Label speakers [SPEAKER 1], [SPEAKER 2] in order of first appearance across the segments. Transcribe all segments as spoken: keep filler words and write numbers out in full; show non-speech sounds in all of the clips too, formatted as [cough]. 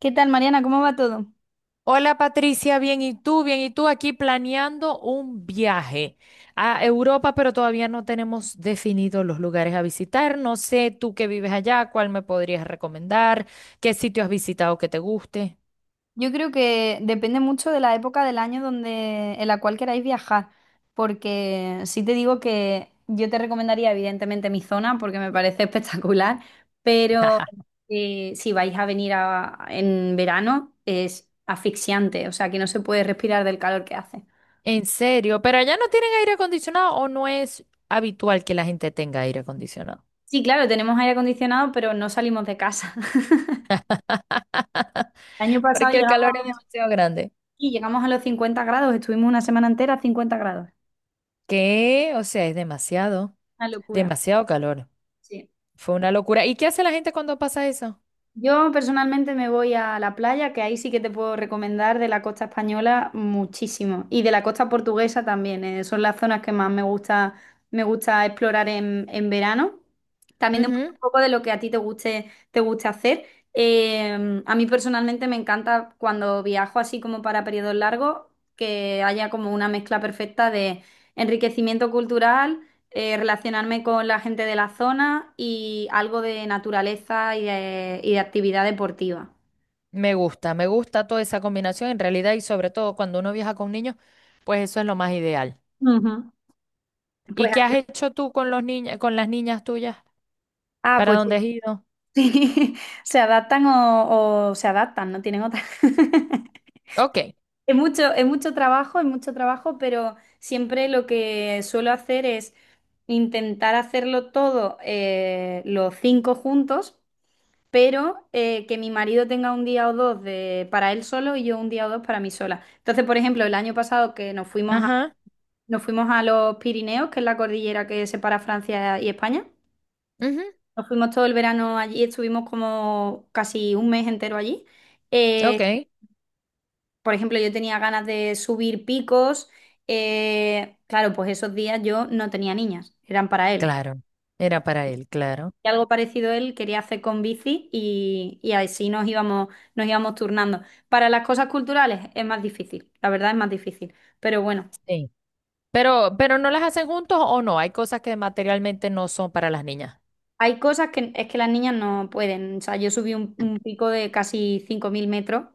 [SPEAKER 1] ¿Qué tal, Mariana? ¿Cómo va todo?
[SPEAKER 2] Hola Patricia, bien, ¿y tú? Bien, ¿y tú? Aquí planeando un viaje a Europa, pero todavía no tenemos definidos los lugares a visitar. No sé, tú que vives allá, ¿cuál me podrías recomendar? ¿Qué sitio has visitado que te guste?
[SPEAKER 1] Yo creo que depende mucho de la época del año donde, en la cual queráis viajar, porque sí te digo que yo te recomendaría evidentemente mi zona porque me parece [laughs] espectacular, pero
[SPEAKER 2] [laughs]
[SPEAKER 1] eh, si vais a venir a- en verano es asfixiante, o sea que no se puede respirar del calor que hace.
[SPEAKER 2] En serio, pero allá no tienen aire acondicionado o no es habitual que la gente tenga aire acondicionado.
[SPEAKER 1] Sí, claro, tenemos aire acondicionado, pero no salimos de casa. [laughs] El año pasado
[SPEAKER 2] Porque el calor es
[SPEAKER 1] llegamos
[SPEAKER 2] demasiado grande.
[SPEAKER 1] aquí, llegamos a los cincuenta grados, estuvimos una semana entera a cincuenta grados.
[SPEAKER 2] ¿Qué? O sea, es demasiado,
[SPEAKER 1] Una locura.
[SPEAKER 2] demasiado calor.
[SPEAKER 1] Sí.
[SPEAKER 2] Fue una locura. ¿Y qué hace la gente cuando pasa eso?
[SPEAKER 1] Yo personalmente me voy a la playa, que ahí sí que te puedo recomendar de la costa española muchísimo y de la costa portuguesa también. Eh, son las zonas que más me gusta, me gusta explorar en, en verano. También depende un poco de lo que a ti te guste, te guste hacer. Eh, a mí personalmente me encanta cuando viajo así como para periodos largos, que haya como una mezcla perfecta de enriquecimiento cultural, eh, relacionarme con la gente de la zona y algo de naturaleza y de, y de actividad deportiva.
[SPEAKER 2] Me gusta, me gusta toda esa combinación en realidad y sobre todo cuando uno viaja con niños, pues eso es lo más ideal.
[SPEAKER 1] Ujú.
[SPEAKER 2] ¿Y
[SPEAKER 1] Pues,
[SPEAKER 2] qué has hecho tú con los niños, con las niñas tuyas?
[SPEAKER 1] ah,
[SPEAKER 2] ¿Para
[SPEAKER 1] pues
[SPEAKER 2] dónde has ido?
[SPEAKER 1] sí, [laughs] se adaptan o, o se adaptan, no tienen otra. [laughs]
[SPEAKER 2] Ok,
[SPEAKER 1] Es mucho, es mucho trabajo, es mucho trabajo, pero siempre lo que suelo hacer es intentar hacerlo todo, eh, los cinco juntos, pero eh, que mi marido tenga un día o dos de, para él solo y yo un día o dos para mí sola. Entonces, por ejemplo, el año pasado que nos fuimos a,
[SPEAKER 2] ajá,
[SPEAKER 1] nos fuimos a los Pirineos, que es la cordillera que separa Francia y España,
[SPEAKER 2] ujú,
[SPEAKER 1] nos fuimos todo el verano allí, estuvimos como casi un mes entero allí. Eh,
[SPEAKER 2] ok,
[SPEAKER 1] por ejemplo, yo tenía ganas de subir picos. Eh, claro, pues esos días yo no tenía niñas, eran para él.
[SPEAKER 2] claro, era para él, claro.
[SPEAKER 1] Y algo parecido él quería hacer con bici, y, y así nos íbamos, nos íbamos turnando. Para las cosas culturales es más difícil, la verdad es más difícil. Pero bueno,
[SPEAKER 2] Sí. Pero, pero no las hacen juntos o no, hay cosas que materialmente no son para las niñas.
[SPEAKER 1] hay cosas que es que las niñas no pueden. O sea, yo subí un, un pico de casi cinco mil metros,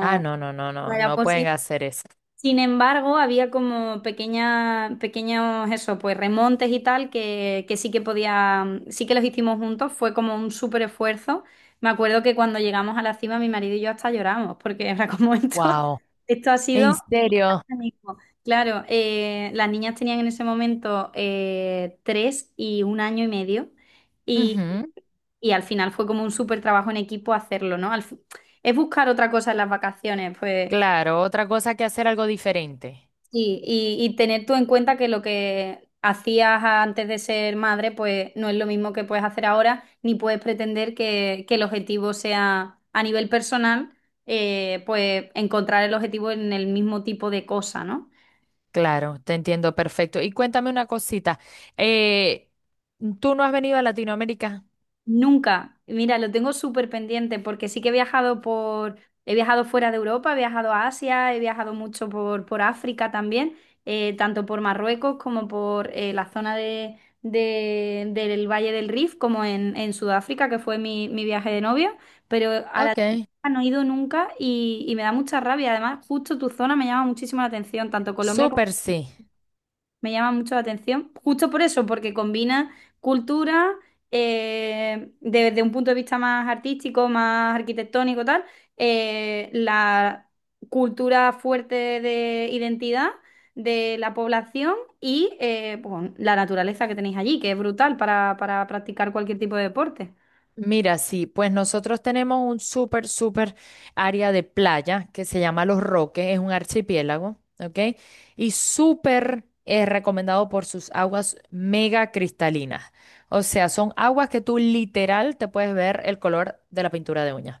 [SPEAKER 2] Ah, no, no, no,
[SPEAKER 1] no
[SPEAKER 2] no,
[SPEAKER 1] era
[SPEAKER 2] no pueden
[SPEAKER 1] posible.
[SPEAKER 2] hacer eso.
[SPEAKER 1] Sin embargo, había como pequeña, pequeños, eso, pues remontes y tal, que, que sí que podía, sí que los hicimos juntos, fue como un súper esfuerzo. Me acuerdo que cuando llegamos a la cima, mi marido y yo hasta lloramos, porque era como [laughs] esto,
[SPEAKER 2] Wow,
[SPEAKER 1] esto ha
[SPEAKER 2] ¿en
[SPEAKER 1] sido...
[SPEAKER 2] serio?
[SPEAKER 1] magnífico. Claro, eh, las niñas tenían en ese momento, eh, tres y un año y medio, y,
[SPEAKER 2] Ujú.
[SPEAKER 1] y al final fue como un súper trabajo en equipo hacerlo, ¿no? Al fi- es buscar otra cosa en las vacaciones, pues
[SPEAKER 2] Claro, otra cosa que hacer algo diferente.
[SPEAKER 1] Sí, y, y tener tú en cuenta que lo que hacías antes de ser madre, pues no es lo mismo que puedes hacer ahora, ni puedes pretender que, que el objetivo sea a nivel personal, eh, pues encontrar el objetivo en el mismo tipo de cosa, ¿no?
[SPEAKER 2] Claro, te entiendo perfecto. Y cuéntame una cosita. eh, ¿Tú no has venido a Latinoamérica?
[SPEAKER 1] Nunca. Mira, lo tengo súper pendiente porque sí que he viajado por, he viajado fuera de Europa, he viajado a Asia, he viajado mucho por, por África también, eh, tanto por Marruecos como por, eh, la zona de, de- del Valle del Rif, como en, en Sudáfrica, que fue mi, mi viaje de novio, pero a la
[SPEAKER 2] Ok.
[SPEAKER 1] Tierra no he ido nunca, y, y me da mucha rabia. Además, justo tu zona me llama muchísimo la atención, tanto Colombia como
[SPEAKER 2] Súper sí.
[SPEAKER 1] me llama mucho la atención, justo por eso, porque combina cultura, eh, desde un punto de vista más artístico, más arquitectónico, tal, eh, la cultura fuerte de identidad de la población y, eh, pues, la naturaleza que tenéis allí, que es brutal para, para practicar cualquier tipo de deporte.
[SPEAKER 2] Mira, sí, pues nosotros tenemos un súper, súper área de playa que se llama Los Roques, es un archipiélago, ¿ok? Y súper eh, recomendado por sus aguas mega cristalinas. O sea, son aguas que tú literal te puedes ver el color de la pintura de uñas.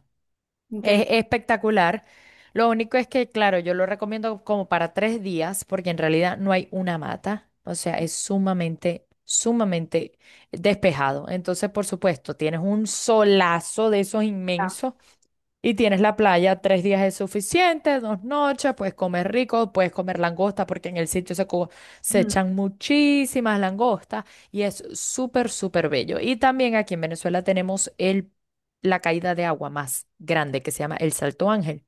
[SPEAKER 2] Es
[SPEAKER 1] Increíble.
[SPEAKER 2] espectacular. Lo único es que, claro, yo lo recomiendo como para tres días, porque en realidad no hay una mata. O sea, es sumamente, sumamente despejado. Entonces, por supuesto, tienes un solazo de esos inmensos y tienes la playa, tres días es suficiente, dos noches, puedes comer rico, puedes comer langosta, porque en el sitio se, co- se
[SPEAKER 1] Mm.
[SPEAKER 2] echan muchísimas langostas y es súper, súper bello. Y también aquí en Venezuela tenemos el, la caída de agua más grande, que se llama el Salto Ángel,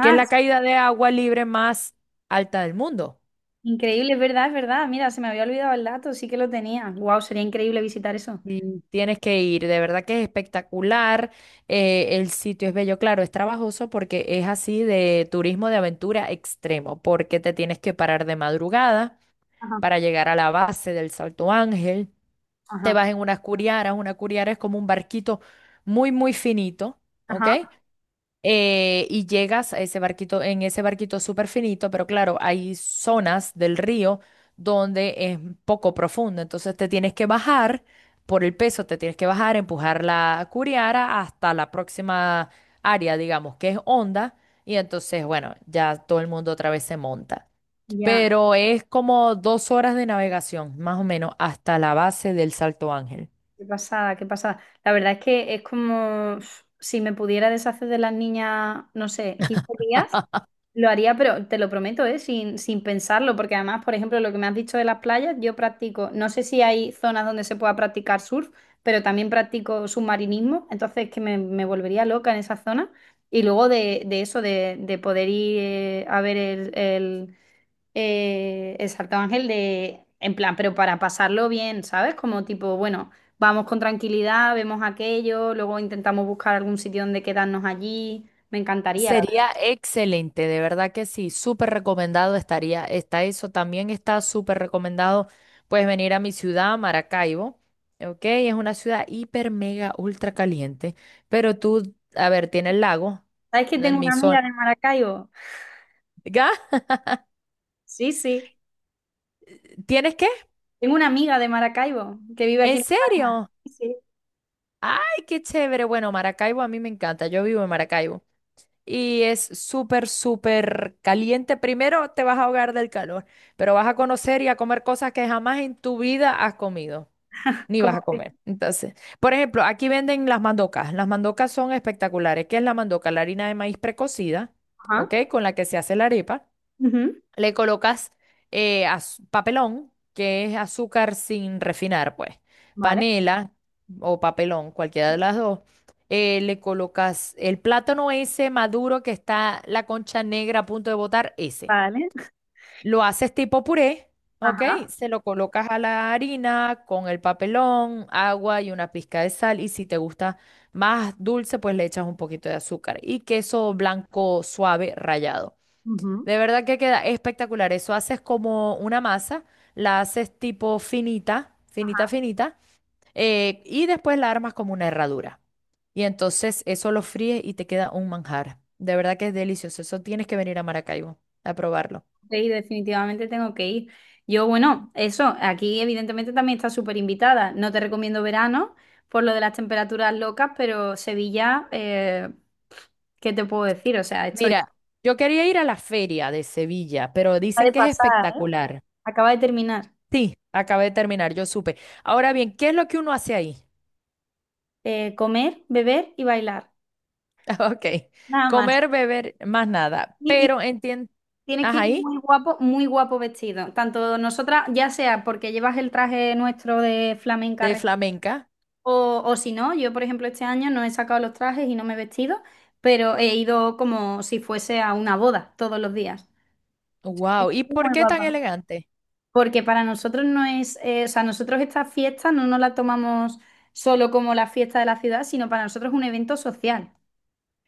[SPEAKER 2] que es
[SPEAKER 1] es
[SPEAKER 2] la caída de agua libre más alta del mundo.
[SPEAKER 1] increíble, es verdad, es verdad. Mira, se me había olvidado el dato, sí que lo tenía. Wow, sería increíble visitar eso.
[SPEAKER 2] Sí, tienes que ir, de verdad que es espectacular. Eh, el sitio es bello, claro, es trabajoso porque es así de turismo de aventura extremo, porque te tienes que parar de madrugada
[SPEAKER 1] Ajá,
[SPEAKER 2] para llegar a la base del Salto Ángel. Te
[SPEAKER 1] ajá,
[SPEAKER 2] vas en unas curiaras, una curiara es como un barquito muy, muy finito, ¿ok?
[SPEAKER 1] ajá.
[SPEAKER 2] Eh, y llegas a ese barquito, en ese barquito súper finito, pero claro, hay zonas del río donde es poco profundo, entonces te tienes que bajar por el peso, te tienes que bajar, empujar la curiara hasta la próxima área, digamos, que es honda, y entonces, bueno, ya todo el mundo otra vez se monta.
[SPEAKER 1] Ya.
[SPEAKER 2] Pero es como dos horas de navegación, más o menos, hasta la base del Salto Ángel.
[SPEAKER 1] Qué pasada, qué pasada. La verdad es que es como uf, si me pudiera deshacer de las niñas, no sé, quince días, lo haría, pero te lo prometo, ¿eh? Sin, sin pensarlo, porque además, por ejemplo, lo que me has dicho de las playas, yo practico, no sé si hay zonas donde se pueda practicar surf, pero también practico submarinismo, entonces que me, me volvería loca en esa zona. Y luego de, de eso, de, de poder ir, eh, a ver el, eh, exacto, Ángel, de, en plan, pero para pasarlo bien, ¿sabes? Como tipo, bueno, vamos con tranquilidad, vemos aquello, luego intentamos buscar algún sitio donde quedarnos allí. Me encantaría, la verdad.
[SPEAKER 2] Sería excelente, de verdad que sí, súper recomendado estaría, está eso, también está súper recomendado, puedes venir a mi ciudad, Maracaibo, ¿ok? Es una ciudad hiper, mega, ultra caliente, pero tú, a ver, tiene el lago
[SPEAKER 1] ¿Sabes que
[SPEAKER 2] en
[SPEAKER 1] tengo
[SPEAKER 2] mi
[SPEAKER 1] una amiga
[SPEAKER 2] zona.
[SPEAKER 1] de Maracaibo?
[SPEAKER 2] ¿Ya?
[SPEAKER 1] Sí, sí.
[SPEAKER 2] ¿Tienes qué?
[SPEAKER 1] Tengo una amiga de Maracaibo que vive aquí
[SPEAKER 2] ¿En
[SPEAKER 1] en España.
[SPEAKER 2] serio?
[SPEAKER 1] Sí, sí.
[SPEAKER 2] ¡Ay, qué chévere! Bueno, Maracaibo a mí me encanta, yo vivo en Maracaibo. Y es súper, súper caliente. Primero te vas a ahogar del calor, pero vas a conocer y a comer cosas que jamás en tu vida has comido, ni
[SPEAKER 1] Como
[SPEAKER 2] vas a
[SPEAKER 1] que-
[SPEAKER 2] comer. Entonces, por ejemplo, aquí venden las mandocas. Las mandocas son espectaculares. ¿Qué es la mandoca? La harina de maíz precocida,
[SPEAKER 1] Ajá.
[SPEAKER 2] ¿ok? Con la que se hace la arepa.
[SPEAKER 1] Ujú,
[SPEAKER 2] Le colocas eh, az- papelón, que es azúcar sin refinar, pues.
[SPEAKER 1] vale,
[SPEAKER 2] Panela o papelón, cualquiera de las dos. Eh, le colocas el plátano ese maduro que está la concha negra a punto de botar, ese.
[SPEAKER 1] vale.
[SPEAKER 2] Lo haces tipo puré, ¿ok?
[SPEAKER 1] Ajá.
[SPEAKER 2] Se lo colocas a la harina con el papelón, agua y una pizca de sal. Y si te gusta más dulce, pues le echas un poquito de azúcar y queso blanco suave rallado.
[SPEAKER 1] Ujú.
[SPEAKER 2] De verdad que queda espectacular. Eso haces como una masa, la haces tipo finita, finita, finita, eh, y después la armas como una herradura. Y entonces eso lo fríes y te queda un manjar. De verdad que es delicioso. Eso tienes que venir a Maracaibo a probarlo.
[SPEAKER 1] Sí, definitivamente tengo que ir. Yo, bueno, eso, aquí evidentemente también está súper invitada. No te recomiendo verano por lo de las temperaturas locas, pero Sevilla, eh, ¿qué te puedo decir? O sea, estoy...
[SPEAKER 2] Mira, yo quería ir a la feria de Sevilla, pero
[SPEAKER 1] Acaba
[SPEAKER 2] dicen
[SPEAKER 1] de
[SPEAKER 2] que es
[SPEAKER 1] pasar, ¿eh?
[SPEAKER 2] espectacular.
[SPEAKER 1] Acaba de terminar.
[SPEAKER 2] Sí, acabé de terminar, yo supe. Ahora bien, ¿qué es lo que uno hace ahí?
[SPEAKER 1] Eh, comer, beber y bailar.
[SPEAKER 2] [laughs] Ok,
[SPEAKER 1] Nada más.
[SPEAKER 2] comer, beber, más nada.
[SPEAKER 1] Y, y
[SPEAKER 2] Pero entiendo.
[SPEAKER 1] tienes que ir
[SPEAKER 2] Ajá,
[SPEAKER 1] muy guapo, muy guapo vestido. Tanto nosotras, ya sea porque llevas el traje nuestro de flamenca,
[SPEAKER 2] de flamenca.
[SPEAKER 1] O, o si no, yo por ejemplo este año no he sacado los trajes y no me he vestido, pero he ido como si fuese a una boda todos los días.
[SPEAKER 2] Wow. ¿Y por
[SPEAKER 1] Muy
[SPEAKER 2] qué tan
[SPEAKER 1] guapa.
[SPEAKER 2] elegante?
[SPEAKER 1] Porque para nosotros no es, eh, o sea, nosotros esta fiesta no nos la tomamos solo como la fiesta de la ciudad, sino para nosotros es un evento social.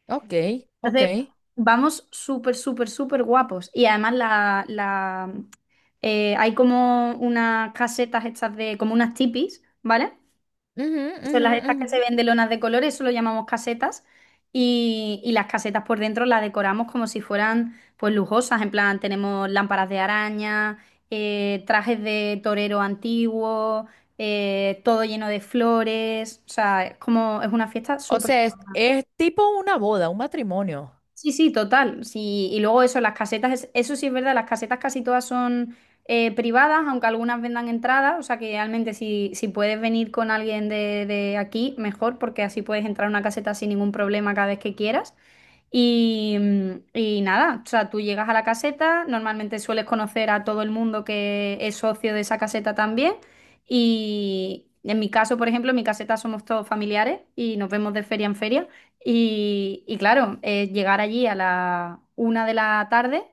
[SPEAKER 2] Ok, ok.
[SPEAKER 1] Entonces, vamos súper, súper, súper guapos. Y además la, la, eh, hay como unas casetas estas de, como unas tipis, ¿vale?
[SPEAKER 2] Ujú,
[SPEAKER 1] Son
[SPEAKER 2] ujú,
[SPEAKER 1] las estas que
[SPEAKER 2] ujú.
[SPEAKER 1] se ven de lonas de colores, eso lo llamamos casetas. Y, y las casetas por dentro las decoramos como si fueran pues lujosas. En plan, tenemos lámparas de araña, eh, trajes de torero antiguo, eh, todo lleno de flores. O sea, es como es una fiesta.
[SPEAKER 2] O sea, es, es tipo una boda, un matrimonio.
[SPEAKER 1] Sí, sí, total. Sí, y luego eso, las casetas, es- eso sí es verdad, las casetas casi todas son, eh, privadas, aunque algunas vendan entradas, o sea que realmente si, si puedes venir con alguien de, de aquí, mejor, porque así puedes entrar a una caseta sin ningún problema cada vez que quieras. Y, mm, y nada, o sea, tú llegas a la caseta, normalmente sueles conocer a todo el mundo que es socio de esa caseta también. Y en mi caso, por ejemplo, en mi caseta somos todos familiares y nos vemos de feria en feria. Y, y claro, eh, llegar allí a la una de la tarde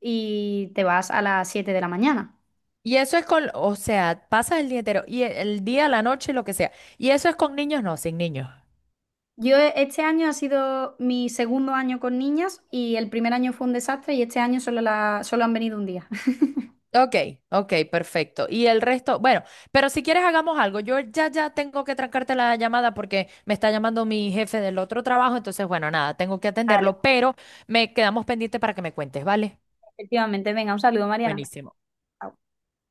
[SPEAKER 1] y te vas a las siete de la mañana.
[SPEAKER 2] Y eso es con, o sea, pasas el día entero, y el, el día, la noche, lo que sea. Y eso es con niños, no, sin niños.
[SPEAKER 1] Yo e- este año ha sido mi segundo año con niñas y el primer año fue un desastre y este año solo, la, solo han venido un día. [laughs]
[SPEAKER 2] Ok, ok, perfecto. Y el resto, bueno, pero si quieres hagamos algo. Yo ya, ya tengo que trancarte la llamada porque me está llamando mi jefe del otro trabajo. Entonces, bueno, nada, tengo que
[SPEAKER 1] Vale.
[SPEAKER 2] atenderlo, pero me quedamos pendiente para que me cuentes, ¿vale?
[SPEAKER 1] Efectivamente, venga, un saludo, Mariana.
[SPEAKER 2] Buenísimo.
[SPEAKER 1] Chao.